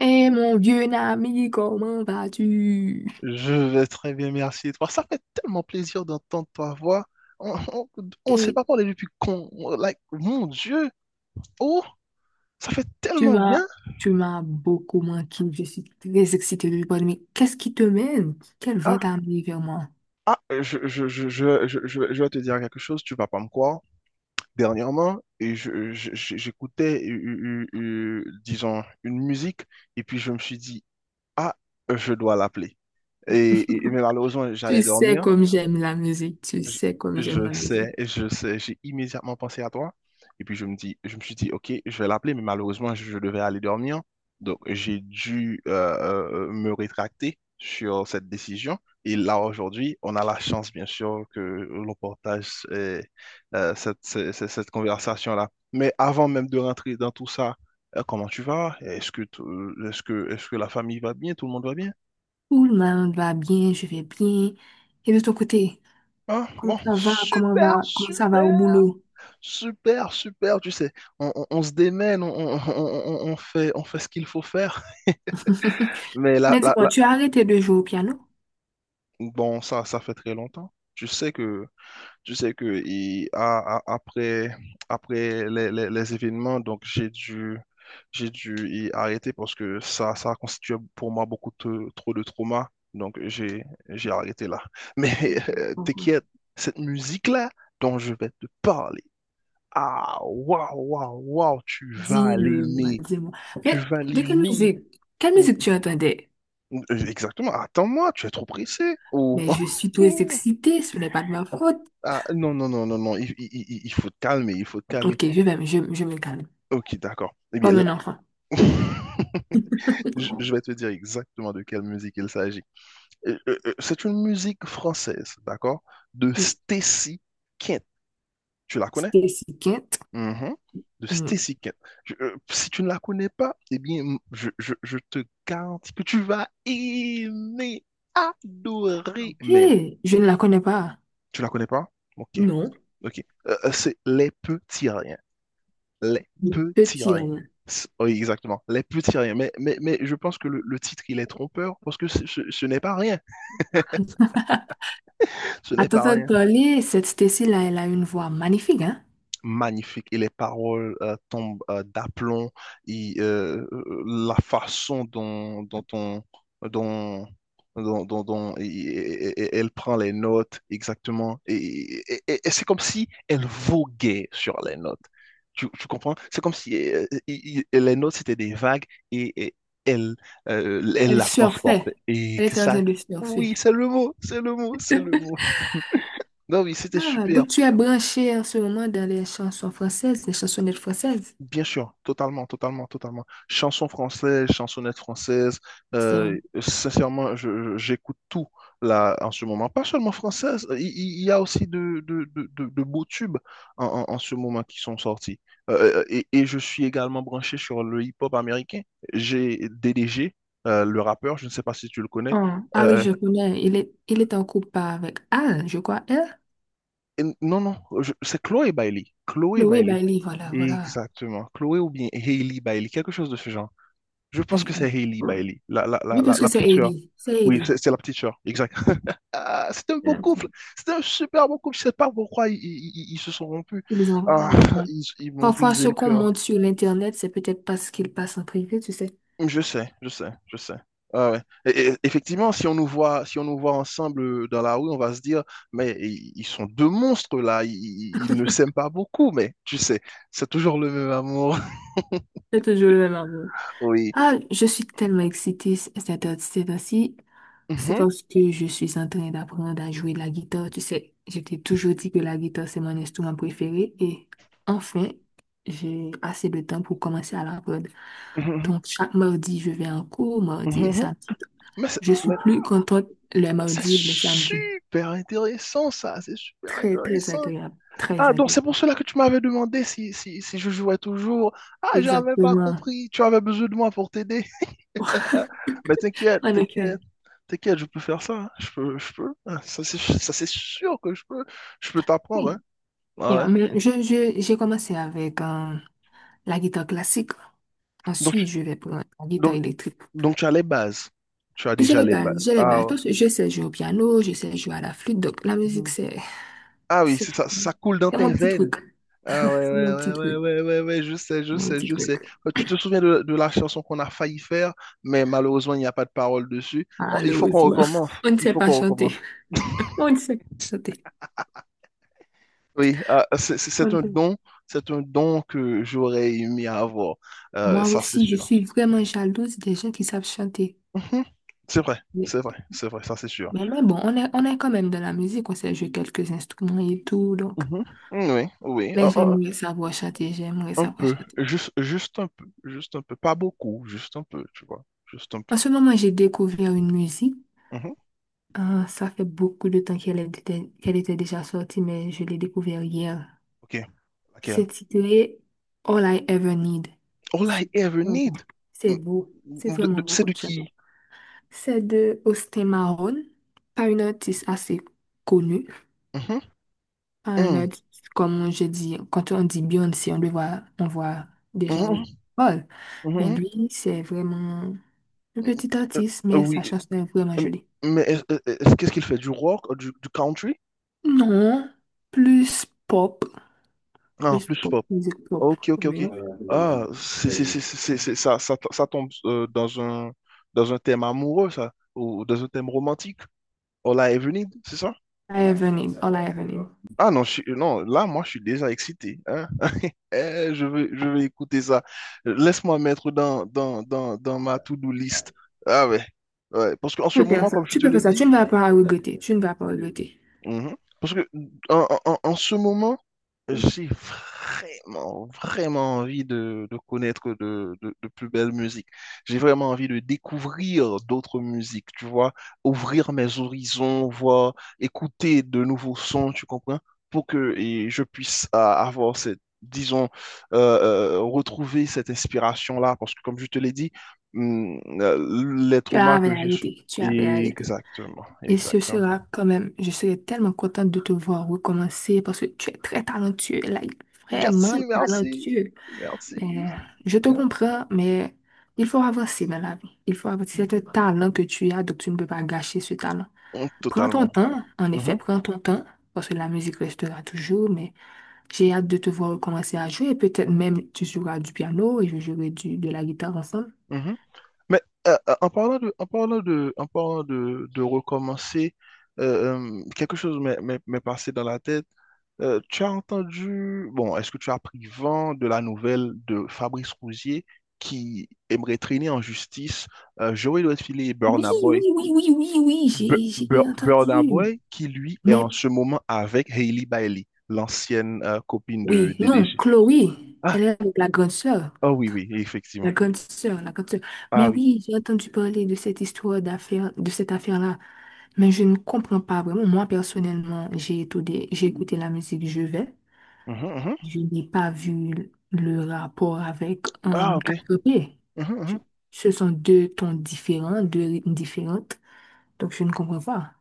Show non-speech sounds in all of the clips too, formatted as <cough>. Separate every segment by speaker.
Speaker 1: Eh mon vieux ami, comment vas-tu?
Speaker 2: Je vais très bien, merci. Et toi, ça fait tellement plaisir d'entendre ta voix. On s'est
Speaker 1: Et
Speaker 2: pas parlé depuis qu'on, like, mon Dieu. Oh, ça fait
Speaker 1: tu
Speaker 2: tellement bien.
Speaker 1: m'as, tu m'as beaucoup manqué. Je suis très excitée de te Mais qu'est-ce qui te mène? Quel vent
Speaker 2: Ah,
Speaker 1: t'a amené vers moi?
Speaker 2: ah, je vais te dire quelque chose, tu vas pas me croire. Dernièrement, et j'écoutais, disons, une musique, et puis je me suis dit, ah, je dois l'appeler. Et malheureusement, j'allais
Speaker 1: Tu sais
Speaker 2: dormir.
Speaker 1: comme j'aime la musique. Tu
Speaker 2: Je,
Speaker 1: sais comme
Speaker 2: je
Speaker 1: j'aime la
Speaker 2: sais,
Speaker 1: musique.
Speaker 2: je sais, j'ai immédiatement pensé à toi. Et puis je me dis, je me suis dit, ok, je vais l'appeler, mais malheureusement, je devais aller dormir. Donc j'ai dû me rétracter sur cette décision. Et là, aujourd'hui, on a la chance, bien sûr, que l'on partage cette conversation-là. Mais avant même de rentrer dans tout ça, comment tu vas? Est-ce que, t- est-ce que la famille va bien? Tout le monde va bien?
Speaker 1: Tout le monde va bien, je vais bien. Et de ton côté,
Speaker 2: Ah
Speaker 1: comment
Speaker 2: bon,
Speaker 1: ça va? Comment
Speaker 2: super,
Speaker 1: va? Comment ça va au
Speaker 2: super.
Speaker 1: boulot?
Speaker 2: Super, super, tu sais, on se démène, on fait ce qu'il faut faire.
Speaker 1: <laughs>
Speaker 2: Mais là,
Speaker 1: Mais
Speaker 2: là,
Speaker 1: dis-moi,
Speaker 2: là-
Speaker 1: tu as arrêté de jouer au piano?
Speaker 2: bon, ça fait très longtemps. Tu sais que après, après les événements, donc j'ai dû y arrêter parce que ça a constitué pour moi trop de trauma. Donc j'ai arrêté là. Mais
Speaker 1: Mhm. Pourquoi
Speaker 2: t'inquiète, cette musique-là dont je vais te parler. Ah, waouh, waouh, waouh, tu vas
Speaker 1: dis-le-moi,
Speaker 2: l'aimer.
Speaker 1: dis-moi.
Speaker 2: Tu
Speaker 1: Mais
Speaker 2: vas
Speaker 1: de quelle
Speaker 2: l'aimer.
Speaker 1: musique? Quelle
Speaker 2: Mm,
Speaker 1: musique tu entendais?
Speaker 2: mm. Exactement. Attends-moi, tu es trop pressé. Oh.
Speaker 1: Mais je suis trop
Speaker 2: <laughs>
Speaker 1: excitée, ce n'est pas de ma faute.
Speaker 2: Ah, non, non, non, non, non. Il faut te calmer, il faut te calmer.
Speaker 1: Ok, je me calme.
Speaker 2: Ok, d'accord. Eh bien,
Speaker 1: Comme
Speaker 2: là,
Speaker 1: un enfant.
Speaker 2: <laughs> je vais te dire exactement de quelle musique il s'agit. C'est une musique française, d'accord? De Stacy Kent. Tu la connais?
Speaker 1: Stacy Kent.
Speaker 2: Mhm. De
Speaker 1: Hmm,
Speaker 2: Stacy Kent. Si tu ne la connais pas, eh bien, je te garantis que tu vas aimer, adorer,
Speaker 1: ok,
Speaker 2: mais
Speaker 1: je ne la connais pas.
Speaker 2: tu la connais pas? Ok,
Speaker 1: Non,
Speaker 2: ok. C'est les petits riens. Les petits
Speaker 1: petit
Speaker 2: riens.
Speaker 1: rien.
Speaker 2: Oui, exactement. Les petits riens. Mais je pense que le titre, il est trompeur parce que ce n'est pas rien. <laughs> Ce
Speaker 1: À
Speaker 2: n'est pas
Speaker 1: t'entendre
Speaker 2: rien.
Speaker 1: parler, cette Stacy-là, elle a une voix magnifique, hein?
Speaker 2: Magnifique, et les paroles tombent d'aplomb, et la façon dont, dont on, dont, dont- dont- dont et- elle prend les notes exactement, et c'est comme si elle voguait sur les notes. Tu comprends? C'est comme si les notes c'était des vagues, et elle, elle
Speaker 1: Elle
Speaker 2: la transporte.
Speaker 1: surfait.
Speaker 2: Et
Speaker 1: Elle
Speaker 2: que
Speaker 1: est en
Speaker 2: ça,
Speaker 1: train de surfer.
Speaker 2: oui, c'est le mot, c'est le mot, c'est le mot. Non, oui, c'était
Speaker 1: Ah,
Speaker 2: super.
Speaker 1: donc tu es branché en ce moment dans les chansons françaises, les chansonnettes françaises.
Speaker 2: Bien sûr, totalement, totalement, totalement. Chansons françaises, chansonnettes françaises,
Speaker 1: C'est...
Speaker 2: sincèrement, j'écoute tout là en ce moment. Pas seulement françaises, il y a aussi de beaux tubes en ce moment qui sont sortis. Et je suis également branché sur le hip-hop américain. J'ai DDG, le rappeur, je ne sais pas si tu le connais.
Speaker 1: Ah ah oui,
Speaker 2: Euh,
Speaker 1: je connais. Il est en couple avec Al, je crois. Elle?
Speaker 2: non, non, c'est Chloé Bailey. Chloé
Speaker 1: Chloé
Speaker 2: Bailey.
Speaker 1: Bailey, voilà, voilà.
Speaker 2: Exactement. Chloé ou bien Hailey Bailey, quelque chose de ce genre. Je pense que c'est
Speaker 1: Ok.
Speaker 2: Hailey Bailey, la, la, la,
Speaker 1: Je
Speaker 2: la,
Speaker 1: pense que
Speaker 2: la
Speaker 1: c'est
Speaker 2: petite sœur.
Speaker 1: Ellie. C'est
Speaker 2: Oui, c'est
Speaker 1: Ellie.
Speaker 2: c'est la petite sœur, exact. Ah, c'était un beau couple,
Speaker 1: Euh,
Speaker 2: c'était un super beau couple. Je sais pas pourquoi ils se sont rompus.
Speaker 1: Ils ont-
Speaker 2: Ah,
Speaker 1: bon, hein.
Speaker 2: ils m'ont
Speaker 1: Parfois,
Speaker 2: brisé
Speaker 1: ce
Speaker 2: le
Speaker 1: qu'on
Speaker 2: cœur.
Speaker 1: monte sur l'Internet, c'est peut-être pas ce qu'il passe en privé, tu sais.
Speaker 2: Je sais, je sais, je sais. Ah ouais. Effectivement, si on nous voit, si on nous voit ensemble dans la rue, on va se dire, mais ils sont deux monstres là, ils ne s'aiment pas beaucoup, mais tu sais, c'est toujours le même amour.
Speaker 1: C'est toujours le même amour.
Speaker 2: <laughs> Oui.
Speaker 1: Ah, je suis tellement excitée cette heure- ces temps-ci. C'est
Speaker 2: Mhm,
Speaker 1: parce que je suis en train d'apprendre à jouer de la guitare. Tu sais, je t'ai toujours dit que la guitare, c'est mon instrument préféré. Et enfin, j'ai assez de temps pour commencer à l'apprendre.
Speaker 2: mhm,
Speaker 1: Donc, chaque mardi, je vais en cours, mardi
Speaker 2: mhm,
Speaker 1: et
Speaker 2: mhm.
Speaker 1: samedi.
Speaker 2: Mais, c'est-
Speaker 1: Je suis plus contente le
Speaker 2: C'est
Speaker 1: mardi et le samedi.
Speaker 2: super intéressant, ça, c'est super
Speaker 1: Très, très
Speaker 2: intéressant.
Speaker 1: agréable. Très
Speaker 2: Ah, donc c'est pour
Speaker 1: agréable.
Speaker 2: cela que tu m'avais demandé si je jouais toujours. Ah, j'avais pas
Speaker 1: Exactement.
Speaker 2: compris, tu avais besoin de moi pour t'aider.
Speaker 1: <laughs>
Speaker 2: Mais t'inquiète,
Speaker 1: En effet.
Speaker 2: t'inquiète, t'inquiète, je peux faire ça, hein. Je peux, je peux. Ah, ça c'est ça, c'est sûr que je peux t'apprendre, hein.
Speaker 1: Oui.
Speaker 2: Ah
Speaker 1: Yeah,
Speaker 2: ouais.
Speaker 1: mais j'ai commencé avec la guitare classique.
Speaker 2: Donc,
Speaker 1: Ensuite,
Speaker 2: tu-
Speaker 1: je vais prendre la guitare
Speaker 2: donc,
Speaker 1: électrique.
Speaker 2: donc tu as les bases, tu as
Speaker 1: J'ai
Speaker 2: déjà
Speaker 1: les
Speaker 2: les bases.
Speaker 1: bases, j'ai les bases.
Speaker 2: Ah ouais.
Speaker 1: Parce que je sais jouer au piano, je sais jouer à la flûte. Donc, la musique,
Speaker 2: Mhm.
Speaker 1: c'est,
Speaker 2: Ah oui,
Speaker 1: c'est,
Speaker 2: c'est ça, ça coule dans
Speaker 1: c'est
Speaker 2: tes
Speaker 1: mon petit
Speaker 2: veines.
Speaker 1: truc.
Speaker 2: Ah ouais,
Speaker 1: C'est
Speaker 2: ouais,
Speaker 1: mon petit
Speaker 2: ouais, ouais,
Speaker 1: truc.
Speaker 2: ouais, ouais, ouais, ouais, je sais, je
Speaker 1: Mon
Speaker 2: sais,
Speaker 1: petit
Speaker 2: je sais.
Speaker 1: truc.
Speaker 2: Tu te souviens de la chanson qu'on a failli faire, mais malheureusement, il n'y a pas de parole dessus. Bon, il faut qu'on
Speaker 1: Malheureusement.
Speaker 2: recommence.
Speaker 1: <laughs> On ne
Speaker 2: Il
Speaker 1: sait
Speaker 2: faut
Speaker 1: pas
Speaker 2: qu'on
Speaker 1: chanter.
Speaker 2: recommence.
Speaker 1: On ne sait pas chanter.
Speaker 2: Oui, ah, c'est c'est-
Speaker 1: On
Speaker 2: c'est
Speaker 1: ne
Speaker 2: un
Speaker 1: sait
Speaker 2: don. C'est un don que j'aurais aimé avoir. Euh,
Speaker 1: Moi
Speaker 2: ça, c'est
Speaker 1: aussi, je
Speaker 2: sûr.
Speaker 1: suis vraiment jalouse des gens qui savent chanter.
Speaker 2: Mhm. C'est vrai,
Speaker 1: Mais,
Speaker 2: c'est vrai, c'est vrai, ça, c'est sûr.
Speaker 1: mais bon, on est quand même dans la musique, on sait jouer quelques instruments et tout, donc.
Speaker 2: Mhm. Oui, oui, un,
Speaker 1: Mais
Speaker 2: un-
Speaker 1: j'aimerais savoir chanter, j'aimerais
Speaker 2: un
Speaker 1: savoir
Speaker 2: peu.
Speaker 1: chanter.
Speaker 2: Juste un peu. Juste un peu. Pas beaucoup, juste un peu, tu vois. Juste un peu.
Speaker 1: En ce moment, j'ai découvert une musique.
Speaker 2: Mhm.
Speaker 1: Ça fait beaucoup de temps qu'elle était déjà sortie, mais je l'ai découvert hier.
Speaker 2: Ok, laquelle?
Speaker 1: C'est titré All I Ever Need.
Speaker 2: All I
Speaker 1: C'est
Speaker 2: ever
Speaker 1: vraiment beau.
Speaker 2: need.
Speaker 1: C'est
Speaker 2: Mm,
Speaker 1: beau. C'est vraiment beau
Speaker 2: c'est de
Speaker 1: comme chanson.
Speaker 2: qui?
Speaker 1: C'est de Austin Mahone, pas une artiste assez connue.
Speaker 2: Mhm,
Speaker 1: Un
Speaker 2: mm,
Speaker 1: autre, comme je dis, quand on dit Beyoncé, on le voit, on voit déjà
Speaker 2: mhm,
Speaker 1: le Paul. Mais
Speaker 2: mhm,
Speaker 1: lui, c'est vraiment un
Speaker 2: mm,
Speaker 1: petit
Speaker 2: euh,
Speaker 1: artiste, mais sa
Speaker 2: oui,
Speaker 1: chanson est vraiment
Speaker 2: euh,
Speaker 1: jolie.
Speaker 2: mais qu'est-ce qu'il fait? Du rock, du country?
Speaker 1: Non, plus pop,
Speaker 2: Ah,
Speaker 1: plus
Speaker 2: plus
Speaker 1: pop,
Speaker 2: pop.
Speaker 1: musique pop.
Speaker 2: Ok, ok, ok.
Speaker 1: Oui.
Speaker 2: Ah, c'est- ça tombe dans un thème amoureux, ça, ou dans un thème romantique. All I ever need, c'est ça?
Speaker 1: I have a name, all I have a name.
Speaker 2: Ah non, non, là, moi, je suis déjà excité, hein. <laughs> Eh, je veux écouter ça. Laisse-moi mettre dans ma to-do list. Ah ouais. Ouais, parce qu'en
Speaker 1: Tu
Speaker 2: ce
Speaker 1: peux
Speaker 2: moment,
Speaker 1: faire ça,
Speaker 2: comme je
Speaker 1: tu
Speaker 2: te
Speaker 1: peux
Speaker 2: l'ai
Speaker 1: faire ça,
Speaker 2: dit,
Speaker 1: tu ne vas pas regretter, tu ne vas pas regretter.
Speaker 2: mhm, parce que en, en- en- en ce moment, j'ai vraiment, vraiment envie de connaître de plus belles musiques. J'ai vraiment envie de découvrir d'autres musiques, tu vois, ouvrir mes horizons, voir, écouter de nouveaux sons, tu comprends, pour que et je puisse avoir cette, disons, retrouver cette inspiration-là, parce que comme je te l'ai dit, les
Speaker 1: Tu
Speaker 2: traumas
Speaker 1: avais
Speaker 2: que j'ai.
Speaker 1: arrêté, tu avais arrêté.
Speaker 2: Exactement,
Speaker 1: Et ce
Speaker 2: exactement.
Speaker 1: sera quand même, je serai tellement contente de te voir recommencer parce que tu es très talentueux, like, vraiment
Speaker 2: Merci, merci,
Speaker 1: talentueux.
Speaker 2: merci.
Speaker 1: Mais je te comprends, mais il faut avancer dans la vie. Il faut avancer. C'est un talent que tu as, donc tu ne peux pas gâcher ce talent.
Speaker 2: Mm,
Speaker 1: Prends ton
Speaker 2: totalement.
Speaker 1: temps, en effet,
Speaker 2: Mhm,
Speaker 1: prends ton temps, parce que la musique restera toujours, mais j'ai hâte de te voir recommencer à jouer. Peut-être même tu joueras du piano et je jouerai de la guitare ensemble.
Speaker 2: mhm. Mais en parlant de recommencer, quelque chose m'est passé dans la tête. Tu as entendu, bon, est-ce que tu as pris vent de la nouvelle de Fabrice Rougier qui aimerait traîner en justice Joey Redfield et
Speaker 1: Oui,
Speaker 2: Burna
Speaker 1: oui,
Speaker 2: Boy?
Speaker 1: oui, oui, oui,
Speaker 2: Bu-
Speaker 1: oui, j'ai
Speaker 2: Bu- Burna
Speaker 1: entendu.
Speaker 2: Boy qui, lui, est en
Speaker 1: Mais
Speaker 2: ce moment avec Hailey Bailey, l'ancienne copine de
Speaker 1: oui, non,
Speaker 2: DDG.
Speaker 1: Chloé,
Speaker 2: Ah,
Speaker 1: elle est la grande sœur.
Speaker 2: ah oui, oui,
Speaker 1: La
Speaker 2: effectivement.
Speaker 1: grande sœur, la grande sœur.
Speaker 2: Ah
Speaker 1: Mais
Speaker 2: oui.
Speaker 1: oui, j'ai entendu parler de cette histoire d'affaire, de cette affaire-là. Mais je ne comprends pas vraiment. Moi, personnellement, j'ai écouté la musique Je vais.
Speaker 2: Mhm, mhm.
Speaker 1: Je n'ai pas vu le rapport avec
Speaker 2: Ah,
Speaker 1: un
Speaker 2: ok.
Speaker 1: quatre p Je-
Speaker 2: Mhm,
Speaker 1: Ce sont deux tons différents, deux rythmes différentes. Donc, je ne comprends pas.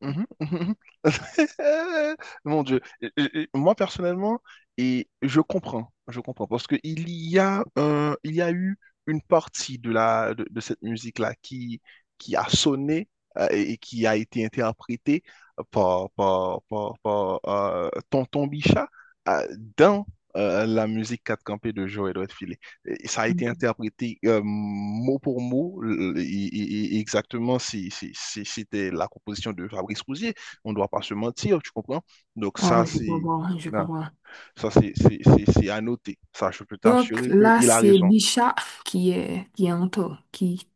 Speaker 2: mhm, mhm, mhm. <laughs> Mon Dieu. Moi, personnellement, je comprends, parce que il y a eu une partie de la, de cette musique-là qui a sonné et qui a été interprétée par Tonton Bichat, euh, dans la musique 4 campés de Joël Redfield. Et ça a été
Speaker 1: Ok.
Speaker 2: interprété mot pour mot, et exactement si c'était la composition de Fabrice Rousier. On ne doit pas se mentir, tu comprends? Donc
Speaker 1: Ah,
Speaker 2: ça,
Speaker 1: je
Speaker 2: c'est
Speaker 1: comprends, je
Speaker 2: non,
Speaker 1: comprends.
Speaker 2: ça, c'est à noter. Ça, je peux
Speaker 1: Donc
Speaker 2: t'assurer
Speaker 1: là,
Speaker 2: qu'il a
Speaker 1: c'est
Speaker 2: raison.
Speaker 1: Bicha qui est en tort,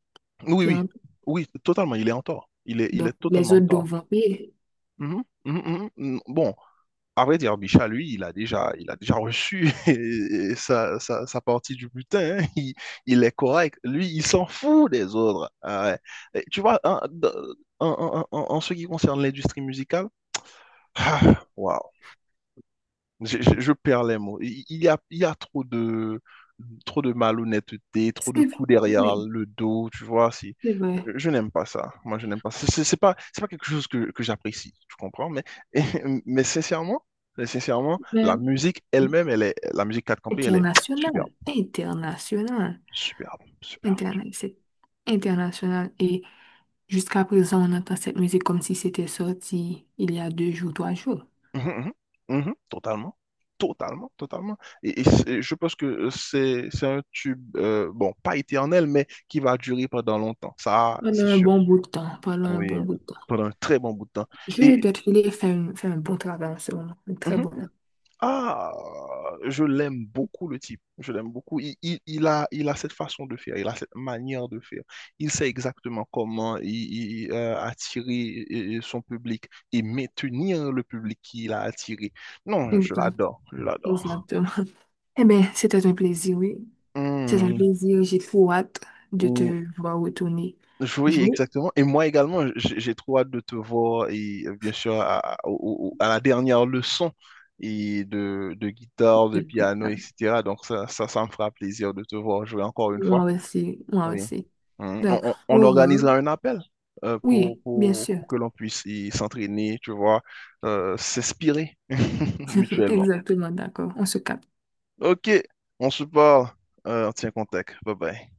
Speaker 2: Oui,
Speaker 1: qui est
Speaker 2: oui,
Speaker 1: en tort.
Speaker 2: oui, totalement, il est en tort. Il est
Speaker 1: Donc les
Speaker 2: totalement en
Speaker 1: autres
Speaker 2: tort.
Speaker 1: doivent payer.
Speaker 2: Mhm, mhm, mhm, mhm. Bon, à vrai dire, Micha, lui, il a déjà reçu <laughs> sa partie du butin, hein. Il est correct. Lui, il s'en fout des autres. Ah ouais. Et tu vois, en ce qui concerne l'industrie musicale, <sighs> ah, waouh. Je perds les mots. Il y a trop de, malhonnêteté, trop de
Speaker 1: C'est vrai
Speaker 2: coups derrière
Speaker 1: oui,
Speaker 2: le dos, tu vois. c'est-
Speaker 1: c'est vrai.
Speaker 2: euh, Je n'aime pas ça. Moi, je n'aime pas. C'est pas quelque chose que j'apprécie, tu comprends? Mais, <laughs> mais sincèrement, mais sincèrement, la
Speaker 1: Mais
Speaker 2: musique elle-même, elle est, la musique 4 campé, elle est
Speaker 1: international,
Speaker 2: superbe,
Speaker 1: international.
Speaker 2: superbe, superbe.
Speaker 1: International, c'est international. Et jusqu'à présent, on entend cette musique comme si c'était sorti il y a deux jours, trois jours.
Speaker 2: Mhm, mhm, mhm, totalement. Totalement, totalement. Je pense que c'est un tube, bon, pas éternel, mais qui va durer pendant longtemps. Ça,
Speaker 1: Pendant
Speaker 2: c'est
Speaker 1: un
Speaker 2: sûr.
Speaker 1: bon bout de temps, pendant un
Speaker 2: Oui,
Speaker 1: bon bout de temps.
Speaker 2: pendant un très bon bout de temps.
Speaker 1: Je
Speaker 2: Et
Speaker 1: dois te filer faire, une- faire un bon travail en ce moment, un très
Speaker 2: mhm.
Speaker 1: bon. Travail.
Speaker 2: Ah, je l'aime beaucoup, le type. Je l'aime beaucoup. Il a cette façon de faire, il a cette manière de faire. Il sait exactement comment attirer son public et maintenir le public qu'il a attiré. Non, je
Speaker 1: Exact,
Speaker 2: l'adore, je l'adore.
Speaker 1: exactement. Eh bien, c'était un plaisir, oui. C'est un
Speaker 2: Hmm,
Speaker 1: plaisir. J'ai trop hâte de
Speaker 2: hmm.
Speaker 1: te voir retourner
Speaker 2: Oui,
Speaker 1: jouer.
Speaker 2: exactement. Et moi également, j'ai trop hâte de te voir et bien sûr à la dernière leçon et de guitare, de piano,
Speaker 1: De
Speaker 2: etc. Donc ça me fera plaisir de te voir jouer encore une fois.
Speaker 1: Moi aussi, moi
Speaker 2: Oui.
Speaker 1: aussi.
Speaker 2: Mm. On,
Speaker 1: Donc,
Speaker 2: on- on
Speaker 1: au revoir.
Speaker 2: organisera un appel pour,
Speaker 1: Oui, bien
Speaker 2: pour,
Speaker 1: sûr.
Speaker 2: pour que l'on puisse y s'entraîner, tu vois, s'inspirer <laughs>
Speaker 1: <laughs>
Speaker 2: mutuellement.
Speaker 1: Exactement, d'accord. On se capte.
Speaker 2: Ok, on se parle. On tient contact. Bye bye.